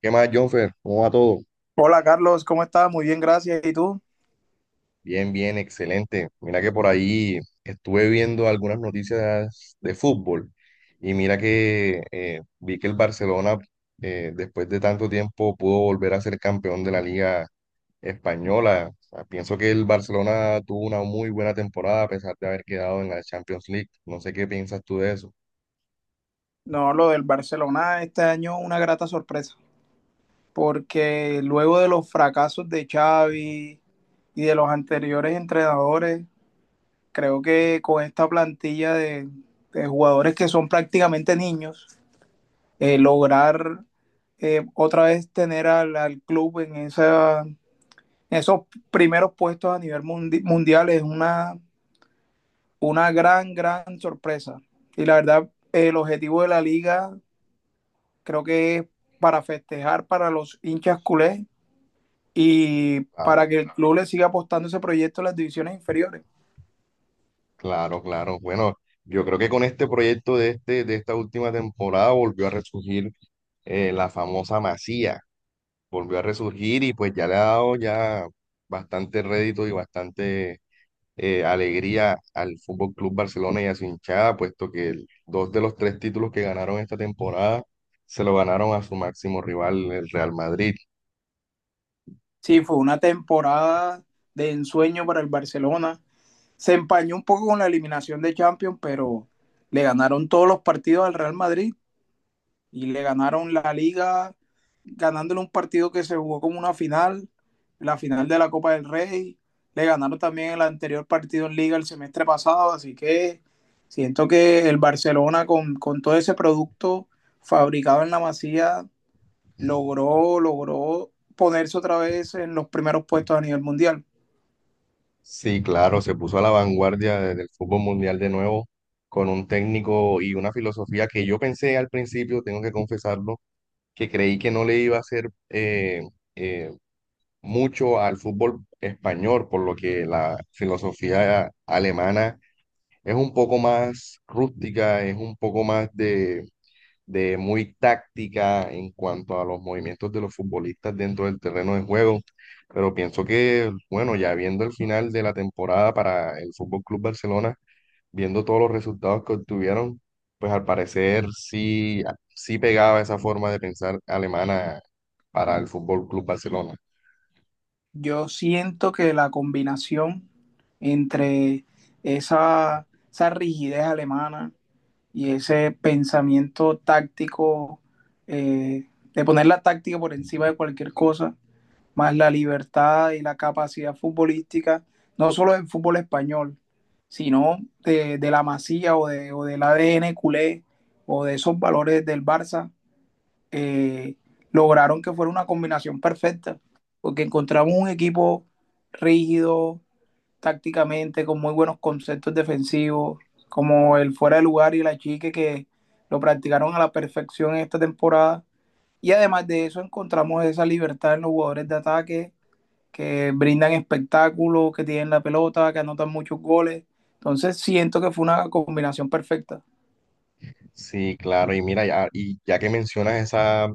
¿Qué más, Jonfer? ¿Cómo va todo? Hola Carlos, ¿cómo estás? Muy bien, gracias. ¿Y tú? Bien, bien, excelente. Mira que por ahí estuve viendo algunas noticias de fútbol y mira que vi que el Barcelona, después de tanto tiempo, pudo volver a ser campeón de la Liga Española. O sea, pienso que el Barcelona tuvo una muy buena temporada a pesar de haber quedado en la Champions League. No sé qué piensas tú de eso. No, lo del Barcelona este año una grata sorpresa, porque luego de los fracasos de Xavi y de los anteriores entrenadores, creo que con esta plantilla de jugadores que son prácticamente niños, lograr, otra vez tener al club en esos primeros puestos a nivel mundial es una, una gran sorpresa. Y la verdad, el objetivo de la liga creo que es para festejar para los hinchas culés y para Claro, que el club le siga apostando ese proyecto en las divisiones inferiores. claro, claro. Bueno, yo creo que con este proyecto de esta última temporada volvió a resurgir, la famosa Masía volvió a resurgir y pues ya le ha dado ya bastante rédito y bastante alegría al Fútbol Club Barcelona y a su hinchada, puesto que dos de los tres títulos que ganaron esta temporada se lo ganaron a su máximo rival, el Real Madrid. Sí, fue una temporada de ensueño para el Barcelona. Se empañó un poco con la eliminación de Champions, pero le ganaron todos los partidos al Real Madrid y le ganaron la Liga, ganándole un partido que se jugó como una final, la final de la Copa del Rey. Le ganaron también el anterior partido en Liga el semestre pasado, así que siento que el Barcelona con todo ese producto fabricado en la Masía logró ponerse otra vez en los primeros puestos a nivel mundial. Sí, claro, se puso a la vanguardia del fútbol mundial de nuevo con un técnico y una filosofía que yo pensé al principio, tengo que confesarlo, que creí que no le iba a ser mucho al fútbol español, por lo que la filosofía alemana es un poco más rústica, es un poco más de muy táctica en cuanto a los movimientos de los futbolistas dentro del terreno de juego. Pero pienso que, bueno, ya viendo el final de la temporada para el Fútbol Club Barcelona, viendo todos los resultados que obtuvieron, pues al parecer sí, sí pegaba esa forma de pensar alemana para el Fútbol Club Barcelona. Yo siento que la combinación entre esa rigidez alemana y ese pensamiento táctico, eh, de poner la táctica por encima de cualquier cosa, más la libertad y la capacidad futbolística, no solo del fútbol español, sino de la masía o del ADN culé o de esos valores del Barça, eh, lograron que fuera una combinación perfecta, porque encontramos un equipo rígido tácticamente, con muy buenos conceptos defensivos, como el fuera de lugar y la chique, que lo practicaron a la perfección en esta temporada. Y además de eso encontramos esa libertad en los jugadores de ataque, que brindan espectáculo, que tienen la pelota, que anotan muchos goles. Entonces siento que fue una combinación perfecta. Sí, claro, y mira, ya, y ya que mencionas esa,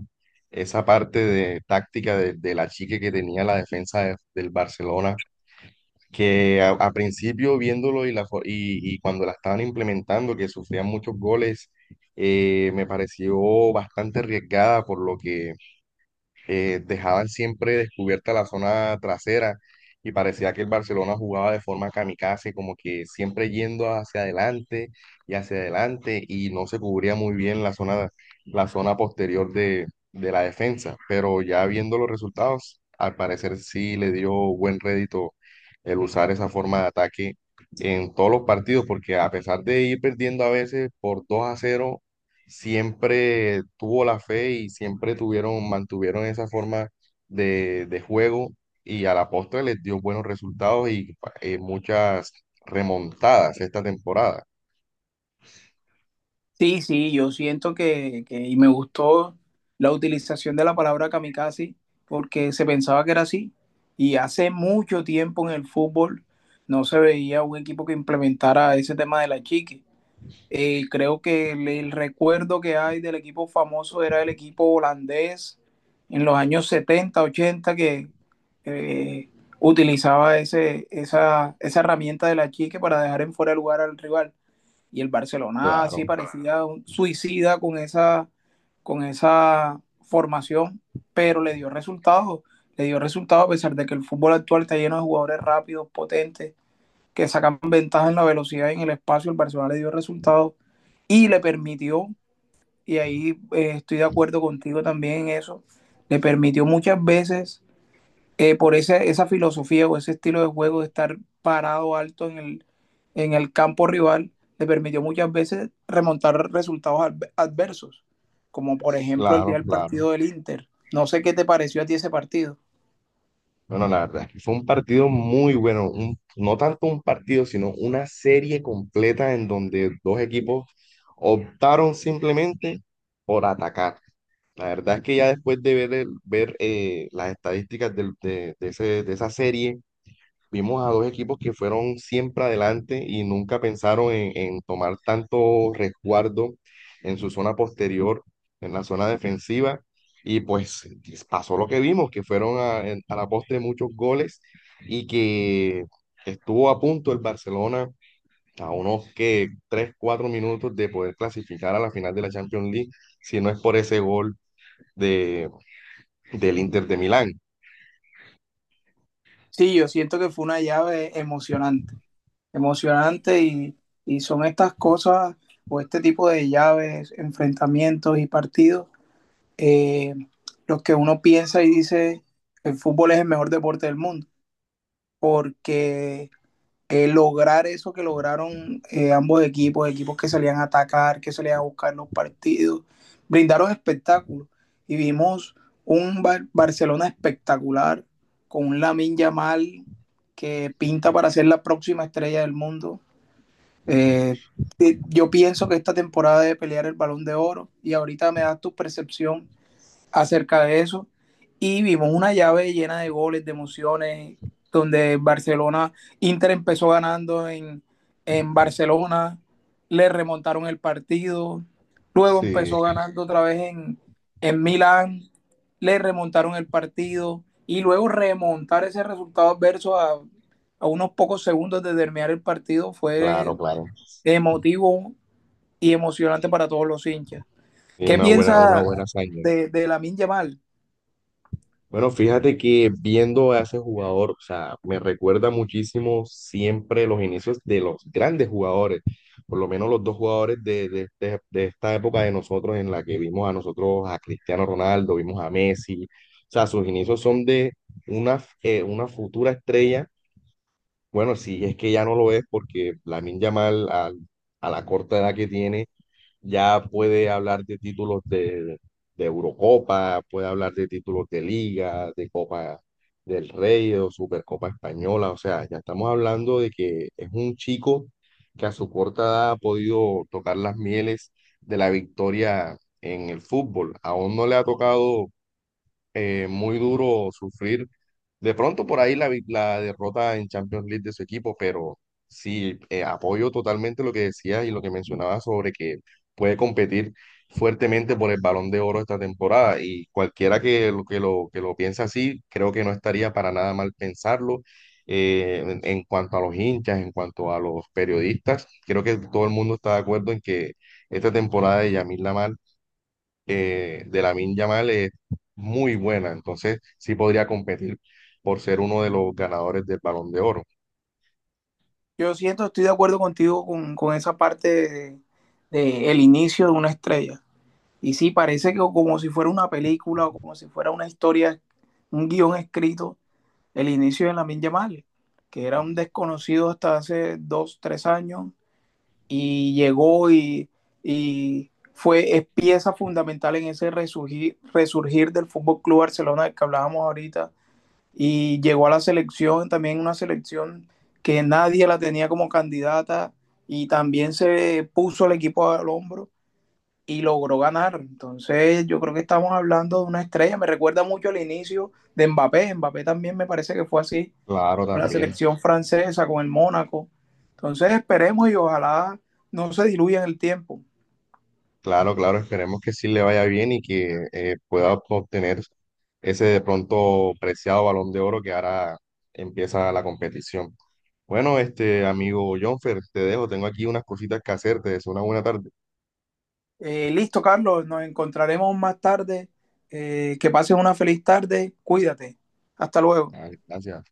esa parte de táctica de la chica que tenía la defensa del Barcelona, que a principio viéndolo y cuando la estaban implementando, que sufrían muchos goles, me pareció bastante arriesgada por lo que dejaban siempre descubierta la zona trasera y parecía que el Barcelona jugaba de forma kamikaze, como que siempre yendo hacia adelante y no se cubría muy bien la zona posterior de la defensa, pero ya viendo los resultados, al parecer sí le dio buen rédito el usar esa forma de ataque en todos los partidos, porque a pesar de ir perdiendo a veces por 2 a cero siempre tuvo la fe y siempre tuvieron, mantuvieron esa forma de juego y a la postre les dio buenos resultados y muchas remontadas esta temporada. Sí, sí, yo siento y me gustó la utilización de la palabra kamikaze, porque se pensaba que era así y hace mucho tiempo en el fútbol no se veía un equipo que implementara ese tema de la chique. Creo que el recuerdo que hay del equipo famoso era el equipo holandés en los años 70 ochenta, que eh, utilizaba esa herramienta de la chique para dejar en fuera de lugar al rival, y el Barcelona sí Claro, parecía un suicida con esa formación, pero le dio resultados, le dio resultados. A pesar de que el fútbol actual está lleno de jugadores rápidos, potentes, que sacan ventaja en la velocidad y en el espacio, el Barcelona le dio resultados y le permitió, y ahí, estoy de acuerdo contigo también en eso, le permitió muchas veces, por esa filosofía o ese estilo de juego de estar parado alto en el campo rival, le permitió muchas veces remontar resultados adversos, como por ejemplo el día claro, del claro. partido del Inter. No sé qué te pareció a ti ese partido. Bueno, la verdad es que fue un partido muy bueno, no tanto un partido, sino una serie completa en donde dos equipos optaron simplemente por atacar. La verdad es que ya después de ver, las estadísticas de de esa serie, vimos a dos equipos que fueron siempre adelante y nunca pensaron en tomar tanto resguardo en su zona posterior, en la zona defensiva. Y pues pasó lo que vimos, que fueron a la postre muchos goles y que estuvo a punto el Barcelona a unos que 3 4 minutos de poder clasificar a la final de la Champions League, si no es por ese gol de, del Inter de Milán. Sí, yo siento que fue una llave emocionante, emocionante, y son estas cosas o este tipo de llaves, enfrentamientos y partidos, eh, los que uno piensa y dice, el fútbol es el mejor deporte del mundo, porque, lograr eso que lograron, ambos equipos, equipos que salían a atacar, que salían a buscar los partidos, brindaron espectáculos. Y vimos un Barcelona espectacular, con un Lamine Yamal que pinta para ser la próxima estrella del mundo. Eh, yo pienso que esta temporada debe pelear el balón de oro, y ahorita me das tu percepción acerca de eso. Y vimos una llave llena de goles, de emociones, donde Barcelona, Inter empezó ganando en Barcelona, le remontaron el partido, luego Sí, empezó ganando otra vez en Milán, le remontaron el partido, y luego remontar ese resultado adverso a unos pocos segundos de terminar el partido fue claro, claro. emotivo y emocionante para todos los hinchas. Y ¿Qué una piensa buena hazaña. De Lamin Yamal? Bueno, fíjate que viendo a ese jugador, o sea, me recuerda muchísimo siempre los inicios de los grandes jugadores, por lo menos los dos jugadores de esta época de nosotros en la que vimos a nosotros, a Cristiano Ronaldo, vimos a Messi, o sea, sus inicios son de una futura estrella, bueno, si es que ya no lo es porque la Yamal a la corta edad que tiene ya puede hablar de títulos de Eurocopa, puede hablar de títulos de Liga, de Copa del Rey o Supercopa Española. O sea, ya estamos hablando de que es un chico que a su corta edad ha podido tocar las mieles de la victoria en el fútbol. Aún no le ha tocado muy duro sufrir de pronto por ahí la derrota en Champions League de su equipo, pero sí, apoyo totalmente lo que decías y lo que mencionabas sobre que puede competir fuertemente por el Balón de Oro esta temporada y cualquiera que lo piensa así, creo que no estaría para nada mal pensarlo. Eh, en cuanto a los hinchas, en cuanto a los periodistas, creo que todo el mundo está de acuerdo en que esta temporada de Yamil Lamar de Lamine Yamal es muy buena, entonces sí podría competir por ser uno de los ganadores del Balón de Oro. Yo siento, estoy de acuerdo contigo con esa parte de el inicio de una estrella. Y sí, parece que como si fuera una película o como si fuera una historia, un guión escrito, el inicio de Lamin Yamal, que era un desconocido hasta hace dos, tres años, y llegó y fue, es pieza fundamental en ese resurgir del Fútbol Club Barcelona del que hablábamos ahorita, y llegó a la selección, también una selección que nadie la tenía como candidata, y también se puso el equipo al hombro y logró ganar. Entonces yo creo que estamos hablando de una estrella. Me recuerda mucho al inicio de Mbappé. Mbappé también me parece que fue así Claro, con la también, selección francesa, con el Mónaco. Entonces esperemos y ojalá no se diluya en el tiempo. claro, claro, esperemos que sí le vaya bien y que pueda obtener ese de pronto preciado Balón de Oro que ahora empieza la competición. Bueno, este amigo Jonfer, te dejo, tengo aquí unas cositas que hacerte, es una buena tarde. Listo, Carlos, nos encontraremos más tarde. Que pases una feliz tarde. Cuídate. Hasta luego. Ah, gracias.